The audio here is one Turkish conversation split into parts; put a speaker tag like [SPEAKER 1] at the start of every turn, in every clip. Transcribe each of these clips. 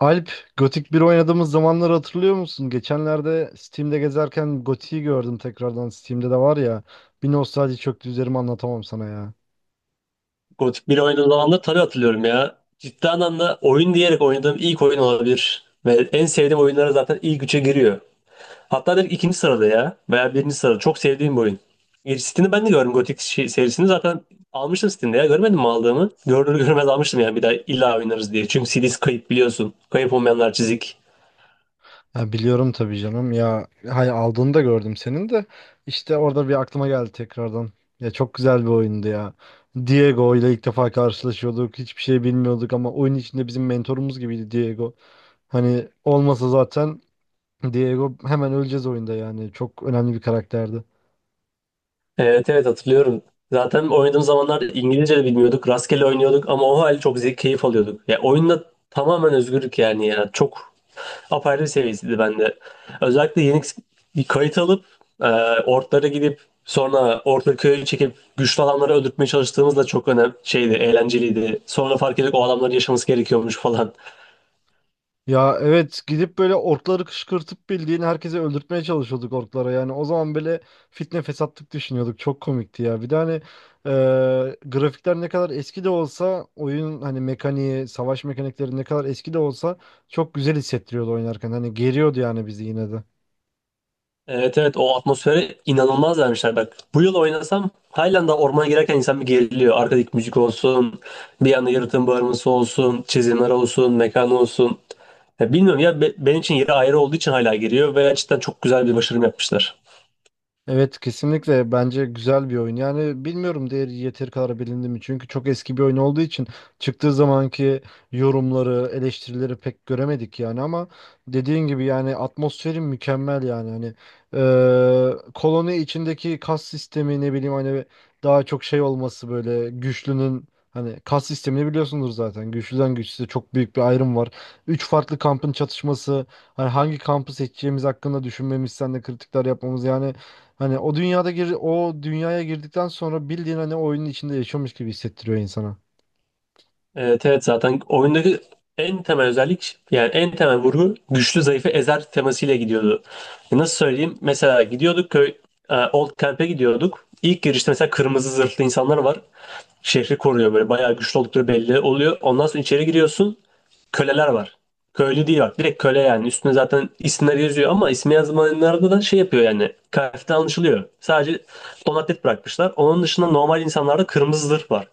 [SPEAKER 1] Alp, Gothic bir oynadığımız zamanları hatırlıyor musun? Geçenlerde Steam'de gezerken Gothic'i gördüm tekrardan. Steam'de de var ya. Bir nostalji çöktü üzerime anlatamam sana ya.
[SPEAKER 2] Gothic 1 oynadığım zaman da tabii hatırlıyorum ya. Ciddi anlamda oyun diyerek oynadığım ilk oyun olabilir. Ve en sevdiğim oyunlara zaten ilk üçe giriyor. Hatta direkt ikinci sırada ya. Veya birinci sırada. Çok sevdiğim bir oyun. Steam'de ben de gördüm Gothic serisini. Zaten almıştım Steam'de ya. Görmedim mi aldığımı? Görünür görmez almıştım yani bir daha illa oynarız diye. Çünkü CD'si kayıp biliyorsun. Kayıp olmayanlar çizik.
[SPEAKER 1] Ha, biliyorum tabii canım. Ya hay aldığını da gördüm senin de. İşte orada bir aklıma geldi tekrardan. Ya çok güzel bir oyundu ya. Diego ile ilk defa karşılaşıyorduk. Hiçbir şey bilmiyorduk ama oyun içinde bizim mentorumuz gibiydi Diego. Hani olmasa zaten Diego hemen öleceğiz oyunda yani. Çok önemli bir karakterdi.
[SPEAKER 2] Evet evet hatırlıyorum. Zaten oynadığım zamanlar İngilizce de bilmiyorduk. Rastgele oynuyorduk ama o hal çok zevk keyif alıyorduk. Ya oyunda tamamen özgürlük yani ya. Çok apayrı bir seviyesiydi bende. Özellikle yeni bir kayıt alıp e, ortlara gidip sonra orta köyü çekip güçlü adamları öldürtmeye çalıştığımız da çok önemli şeydi, eğlenceliydi. Sonra fark ettik o adamların yaşaması gerekiyormuş falan.
[SPEAKER 1] Ya evet, gidip böyle orkları kışkırtıp bildiğin herkese öldürtmeye çalışıyorduk orklara yani. O zaman böyle fitne fesatlık düşünüyorduk, çok komikti ya. Bir de hani e, grafikler ne kadar eski de olsa, oyun hani mekaniği, savaş mekanikleri ne kadar eski de olsa çok güzel hissettiriyordu oynarken, hani geriyordu yani bizi yine de.
[SPEAKER 2] Evet evet o atmosfere inanılmaz vermişler bak. Bu yıl oynasam halen ormana girerken insan bir geriliyor. Arkadaki müzik olsun, bir yana yaratığın bağırması olsun, çizimler olsun, mekan olsun. Ya bilmiyorum ya benim için yeri ayrı olduğu için hala giriyor ve gerçekten çok güzel bir başarım yapmışlar.
[SPEAKER 1] Evet kesinlikle bence güzel bir oyun. Yani bilmiyorum, değeri yeteri kadar bilindi mi? Çünkü çok eski bir oyun olduğu için çıktığı zamanki yorumları, eleştirileri pek göremedik yani. Ama dediğin gibi yani atmosferi mükemmel yani, hani koloni içindeki kas sistemi, ne bileyim hani, daha çok şey olması, böyle güçlünün, hani kas sistemini biliyorsunuz zaten. Güçlüden güçsüze çok büyük bir ayrım var. Üç farklı kampın çatışması. Hani hangi kampı seçeceğimiz hakkında düşünmemiz, sen de kritikler yapmamız yani, hani o dünyaya girdikten sonra bildiğin hani oyunun içinde yaşıyormuş gibi hissettiriyor insana.
[SPEAKER 2] Evet, evet zaten oyundaki en temel özellik yani en temel vurgu güçlü zayıfı ezer temasıyla gidiyordu. Nasıl söyleyeyim? Mesela gidiyorduk Old Camp'e gidiyorduk. İlk girişte mesela kırmızı zırhlı insanlar var. Şehri koruyor böyle bayağı güçlü oldukları belli oluyor. Ondan sonra içeri giriyorsun. Köleler var. Köylü değil bak direkt köle yani. Üstüne zaten isimler yazıyor ama ismi yazmayanlarda da şey yapıyor yani. Kıyafetten anlaşılıyor. Sadece donatlet bırakmışlar. Onun dışında normal insanlarda kırmızı zırh var.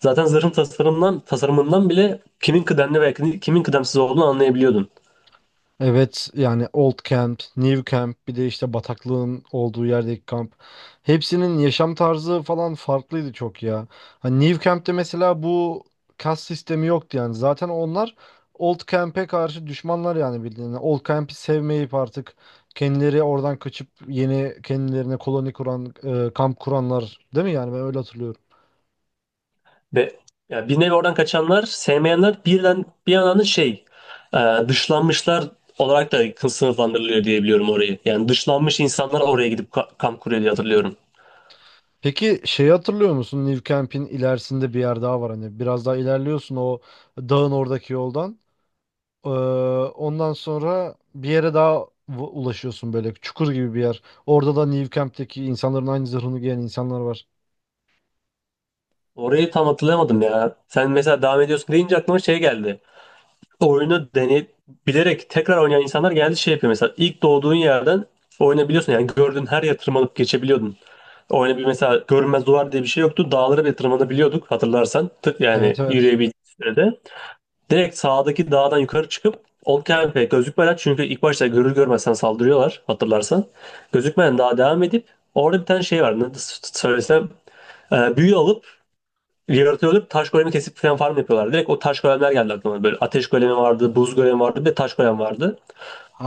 [SPEAKER 2] Zaten zırhın tasarımından bile kimin kıdemli ve kimin kıdemsiz olduğunu anlayabiliyordun.
[SPEAKER 1] Evet yani Old Camp, New Camp, bir de işte bataklığın olduğu yerdeki kamp. Hepsinin yaşam tarzı falan farklıydı çok ya. Hani New Camp'te mesela bu kas sistemi yoktu yani. Zaten onlar Old Camp'e karşı düşmanlar yani bildiğin. Yani Old Camp'i sevmeyip artık kendileri oradan kaçıp yeni kendilerine koloni kuran, kamp kuranlar değil mi yani? Ben öyle hatırlıyorum.
[SPEAKER 2] Ve ya bir nevi oradan kaçanlar, sevmeyenler birden bir yandan da e, dışlanmışlar olarak da sınıflandırılıyor diye biliyorum orayı. Yani dışlanmış insanlar oraya gidip kamp kuruyor diye hatırlıyorum.
[SPEAKER 1] Peki şeyi hatırlıyor musun? New Camp'in ilerisinde bir yer daha var hani, biraz daha ilerliyorsun o dağın oradaki yoldan. Ee, ondan sonra bir yere daha ulaşıyorsun, böyle çukur gibi bir yer. Orada da New Camp'teki insanların aynı zırhını giyen insanlar var.
[SPEAKER 2] Orayı tam hatırlayamadım ya. Sen mesela devam ediyorsun deyince aklıma şey geldi. Oyunu bilerek tekrar oynayan insanlar geldi şey yapıyor mesela ilk doğduğun yerden oynayabiliyorsun yani gördüğün her yere tırmanıp geçebiliyordun. O hani bir mesela görünmez duvar diye bir şey yoktu. Dağlara bile tırmanabiliyorduk hatırlarsan. Tık yani
[SPEAKER 1] Evet, evet.
[SPEAKER 2] yürüyebildiğimiz sürede. Direkt sağdaki dağdan yukarı çıkıp Olkemp'e gözükmeden çünkü ilk başta görür görmezsen saldırıyorlar hatırlarsan. Gözükmeden daha devam edip orada bir tane şey var. Ne söylesem büyü alıp yaratığı alıp taş golemi kesip falan farm yapıyorlar. Direkt o taş golemler geldi aklıma. Böyle ateş golemi vardı, buz golemi vardı ve taş golem vardı.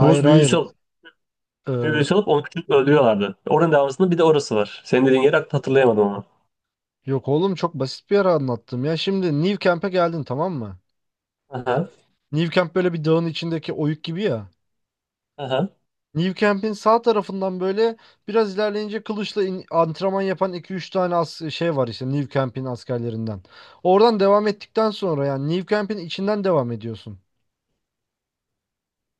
[SPEAKER 2] Buz büyüsü
[SPEAKER 1] hayır.
[SPEAKER 2] alıp,
[SPEAKER 1] Ee,
[SPEAKER 2] Büyüsü alıp onu küçük öldürüyorlardı. Oranın devamında bir de orası var. Senin dediğin yeri hatırlayamadım ama.
[SPEAKER 1] yok oğlum, çok basit bir yer anlattım ya. Şimdi New Camp'e geldin, tamam mı?
[SPEAKER 2] Aha,
[SPEAKER 1] New Camp böyle bir dağın içindeki oyuk gibi ya.
[SPEAKER 2] aha.
[SPEAKER 1] New Camp'in sağ tarafından böyle biraz ilerleyince kılıçla antrenman yapan iki üç tane as şey var, işte New Camp'in askerlerinden. Oradan devam ettikten sonra yani New Camp'in içinden devam ediyorsun.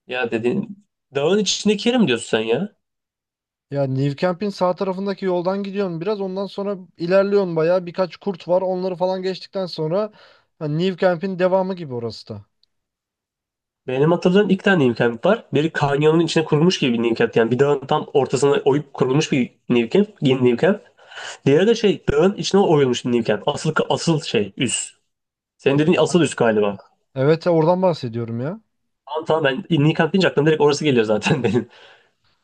[SPEAKER 2] Ya dediğin dağın içindeki yeri mi diyorsun sen ya?
[SPEAKER 1] Ya New Camp'in sağ tarafındaki yoldan gidiyorsun biraz, ondan sonra ilerliyorsun, bayağı birkaç kurt var, onları falan geçtikten sonra hani New Camp'in devamı gibi orası da.
[SPEAKER 2] Benim hatırladığım iki tane New Camp var. Biri kanyonun içine kurulmuş gibi bir New Camp. Yani bir dağın tam ortasına oyup kurulmuş bir New Camp. Yeni New Camp. Diğeri de şey dağın içine oyulmuş bir New Camp. Asıl şey üs. Senin dediğin asıl üs galiba.
[SPEAKER 1] Evet ya, oradan bahsediyorum ya.
[SPEAKER 2] Tamam tamam ben New Camp deyince aklıma direkt orası geliyor zaten benim.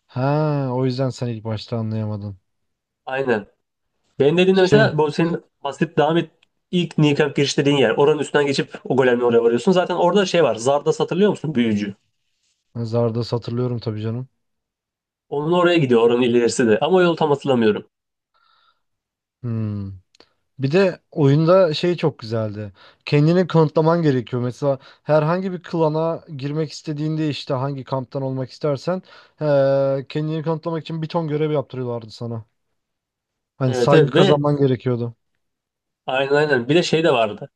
[SPEAKER 1] Ha, o yüzden sen ilk başta anlayamadın.
[SPEAKER 2] Aynen. Benim dediğimde
[SPEAKER 1] Şey,
[SPEAKER 2] mesela bu senin bahsedip devam et ilk New Camp giriş dediğin yer. Oranın üstünden geçip o golemle oraya varıyorsun. Zaten orada şey var. Zarda hatırlıyor musun? Büyücü.
[SPEAKER 1] zardas hatırlıyorum tabii canım.
[SPEAKER 2] Onun oraya gidiyor oranın ilerisi de. Ama o yolu tam hatırlamıyorum.
[SPEAKER 1] Hmm. Bir de oyunda şey çok güzeldi. Kendini kanıtlaman gerekiyor. Mesela herhangi bir klana girmek istediğinde, işte hangi kamptan olmak istersen kendini kanıtlamak için bir ton görev yaptırıyorlardı sana. Hani
[SPEAKER 2] Evet
[SPEAKER 1] saygı
[SPEAKER 2] evet ve
[SPEAKER 1] kazanman gerekiyordu.
[SPEAKER 2] aynen aynen bir de şey de vardı.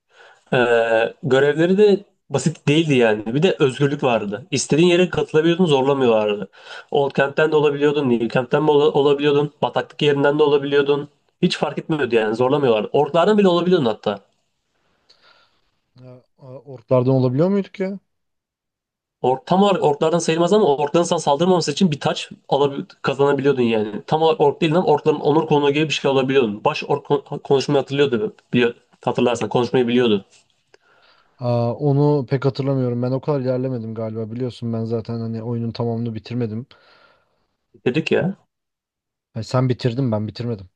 [SPEAKER 2] Görevleri de basit değildi yani. Bir de özgürlük vardı. İstediğin yere katılabiliyordun zorlamıyorlardı. Old Kent'ten de olabiliyordun, New Kent'ten de olabiliyordun, bataklık yerinden de olabiliyordun. Hiç fark etmiyordu yani zorlamıyorlardı. Orklardan bile olabiliyordun hatta.
[SPEAKER 1] Ya, orklardan olabiliyor muyduk ya?
[SPEAKER 2] Ork, tam olarak orklardan sayılmaz ama orkların sana saldırmaması için bir taç kazanabiliyordun yani. Tam olarak ork değil lan orkların onur konuğu gibi bir şey olabiliyordun. Baş ork konuşmayı hatırlıyordu. Hatırlarsan konuşmayı biliyordu.
[SPEAKER 1] Aa, onu pek hatırlamıyorum. Ben o kadar ilerlemedim galiba. Biliyorsun ben zaten hani oyunun tamamını bitirmedim.
[SPEAKER 2] Dedik ya.
[SPEAKER 1] Yani sen bitirdin, ben bitirmedim.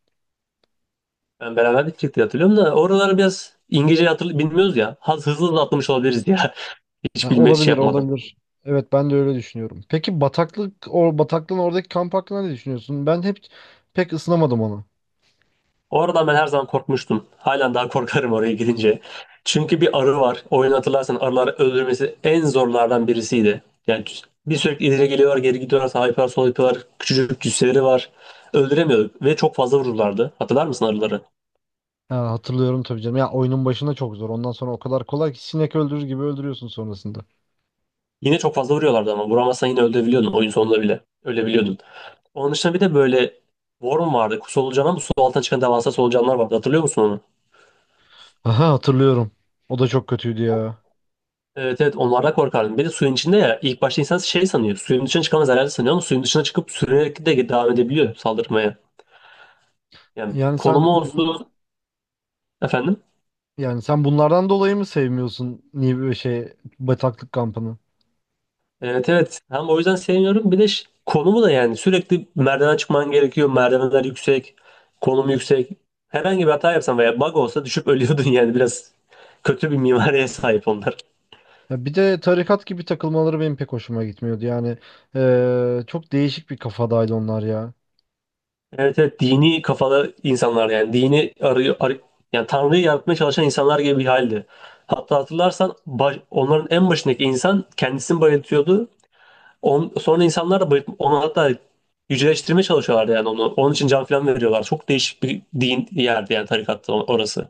[SPEAKER 2] Ben beraber gidecek diye hatırlıyorum da oraları biraz İngilizce hatırlı bilmiyoruz ya. Hızlı hızlı atlamış olabiliriz ya. Hiç
[SPEAKER 1] Ha,
[SPEAKER 2] bilme şey
[SPEAKER 1] olabilir,
[SPEAKER 2] yapmadım.
[SPEAKER 1] olabilir. Evet ben de öyle düşünüyorum. Peki bataklık, o bataklığın oradaki kamp hakkında ne düşünüyorsun? Ben hep pek ısınamadım onu.
[SPEAKER 2] Oradan ben her zaman korkmuştum. Halen daha korkarım oraya gidince. Çünkü bir arı var. Oyunu hatırlarsan arıları öldürmesi en zorlardan birisiydi. Yani bir sürekli ileri geliyorlar, geri gidiyorlar, sağa yapıyorlar, sola yapıyorlar. Küçücük cüsseleri var. Öldüremiyorduk ve çok fazla vururlardı. Hatırlar mısın arıları?
[SPEAKER 1] Ha, hatırlıyorum tabii canım. Ya oyunun başında çok zor. Ondan sonra o kadar kolay ki sinek öldürür gibi öldürüyorsun sonrasında.
[SPEAKER 2] Yine çok fazla vuruyorlardı ama vuramazsan yine öldürebiliyordun oyun sonunda bile. Ölebiliyordun. Onun dışında bir de böyle worm vardı. Solucan ama su altına çıkan devasa solucanlar vardı. Hatırlıyor musun onu?
[SPEAKER 1] Aha, hatırlıyorum. O da çok kötüydü ya.
[SPEAKER 2] Evet evet onlardan korkardım. Bir de suyun içinde ya ilk başta insan şey sanıyor. Suyun dışına çıkamaz herhalde sanıyor ama suyun dışına çıkıp sürünerek de devam edebiliyor saldırmaya. Yani
[SPEAKER 1] Yani sen
[SPEAKER 2] konumu
[SPEAKER 1] bu-
[SPEAKER 2] olsun efendim.
[SPEAKER 1] yani sen bunlardan dolayı mı sevmiyorsun, niye böyle şey, bataklık kampını?
[SPEAKER 2] Evet evet hem o yüzden sevmiyorum. Bir de konumu da yani sürekli merdiven çıkman gerekiyor. Merdivenler yüksek. Konum yüksek. Herhangi bir hata yapsan veya bug olsa düşüp ölüyordun yani biraz kötü bir mimariye sahip onlar.
[SPEAKER 1] Ya bir de tarikat gibi takılmaları benim pek hoşuma gitmiyordu. Yani çok değişik bir kafadaydı onlar ya.
[SPEAKER 2] Evet, evet dini kafalı insanlar yani dini arıyor yani Tanrı'yı yaratmaya çalışan insanlar gibi bir haldi. Hatta hatırlarsan onların en başındaki insan kendisini bayıltıyordu. Sonra insanlar da onu hatta yüceleştirmeye çalışıyorlardı yani onu. Onun için can falan veriyorlar. Çok değişik bir din yerdi yani tarikatta orası.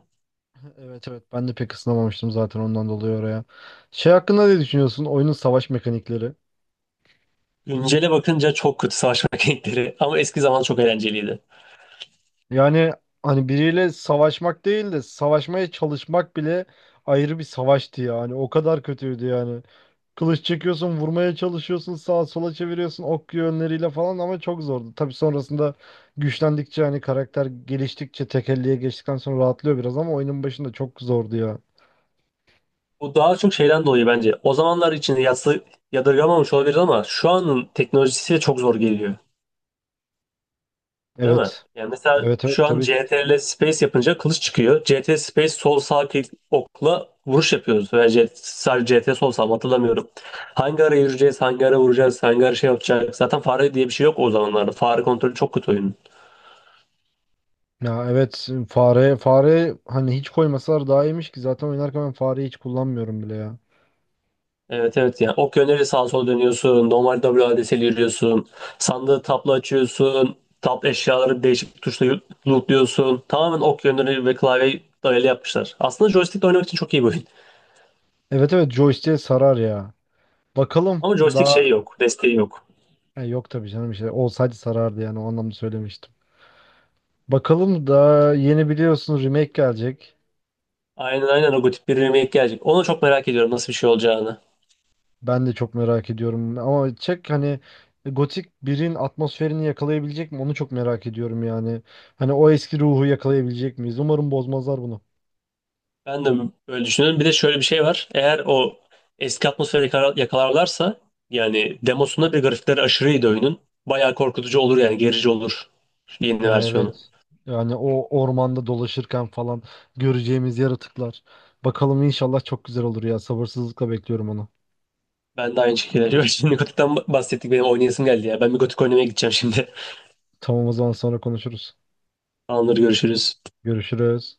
[SPEAKER 1] Evet, evet ben de pek ısınamamıştım zaten ondan dolayı oraya. Şey hakkında ne düşünüyorsun? Oyunun savaş mekanikleri.
[SPEAKER 2] Güncele bakınca çok kötü savaş mekanikleri ama eski zaman çok eğlenceliydi.
[SPEAKER 1] Yani hani biriyle savaşmak değil de savaşmaya çalışmak bile ayrı bir savaştı yani. O kadar kötüydü yani. Kılıç çekiyorsun, vurmaya çalışıyorsun, sağa sola çeviriyorsun ok yönleriyle falan, ama çok zordu. Tabii sonrasında güçlendikçe, hani karakter geliştikçe, tekelliğe geçtikten sonra rahatlıyor biraz, ama oyunun başında çok zordu ya.
[SPEAKER 2] Bu daha çok şeyden dolayı bence. O zamanlar için yadırgamamış olabilir ama şu anın teknolojisi çok zor geliyor. Değil mi?
[SPEAKER 1] Evet.
[SPEAKER 2] Yani mesela
[SPEAKER 1] Evet, evet
[SPEAKER 2] şu an
[SPEAKER 1] tabii ki.
[SPEAKER 2] CTRL Space yapınca kılıç çıkıyor. CTRL Space sol sağ klik okla vuruş yapıyoruz. Veya sadece CTRL sol sağ mı hatırlamıyorum. Hangi ara yürüyeceğiz, hangi ara vuracağız, hangi ara şey yapacağız. Zaten fare diye bir şey yok o zamanlarda. Fare kontrolü çok kötü oyunun.
[SPEAKER 1] Ya evet, fare, fare hani hiç koymasalar daha iyiymiş, ki zaten oynarken ben fareyi hiç kullanmıyorum bile ya.
[SPEAKER 2] Evet evet yani ok yönleri sağa sola dönüyorsun. Normal W WADS'li yürüyorsun. Sandığı tapla açıyorsun. Tap eşyaları değişik bir tuşla lootluyorsun. Tamamen ok yönleri ve klavyeyi dayalı yapmışlar. Aslında joystickle oynamak için çok iyi bir oyun.
[SPEAKER 1] Evet, evet joystick'e sarar ya. Bakalım
[SPEAKER 2] Ama joystick
[SPEAKER 1] daha
[SPEAKER 2] şeyi yok. Desteği yok.
[SPEAKER 1] E, yok tabii canım, işte olsaydı sarardı yani, o anlamda söylemiştim. Bakalım, daha yeni biliyorsunuz remake gelecek.
[SPEAKER 2] Aynen aynen o gotik bir remake gelecek. Onu çok merak ediyorum nasıl bir şey olacağını.
[SPEAKER 1] Ben de çok merak ediyorum, ama çek hani Gothic 1'in atmosferini yakalayabilecek mi, onu çok merak ediyorum yani. Hani o eski ruhu yakalayabilecek miyiz? Umarım bozmazlar bunu.
[SPEAKER 2] Ben de böyle düşünüyorum. Bir de şöyle bir şey var. Eğer o eski atmosferi yakalarlarsa yani demosunda bir grafikleri aşırıydı oyunun. Bayağı korkutucu olur yani gerici olur şu yeni versiyonu.
[SPEAKER 1] Evet. Yani o ormanda dolaşırken falan göreceğimiz yaratıklar. Bakalım inşallah çok güzel olur ya. Sabırsızlıkla bekliyorum onu.
[SPEAKER 2] Ben de aynı şekilde. Şimdi Gotik'ten bahsettik benim oynayasım geldi ya. Ben bir Gotik oynamaya gideceğim şimdi.
[SPEAKER 1] Tamam, o zaman sonra konuşuruz.
[SPEAKER 2] Tamamdır görüşürüz.
[SPEAKER 1] Görüşürüz.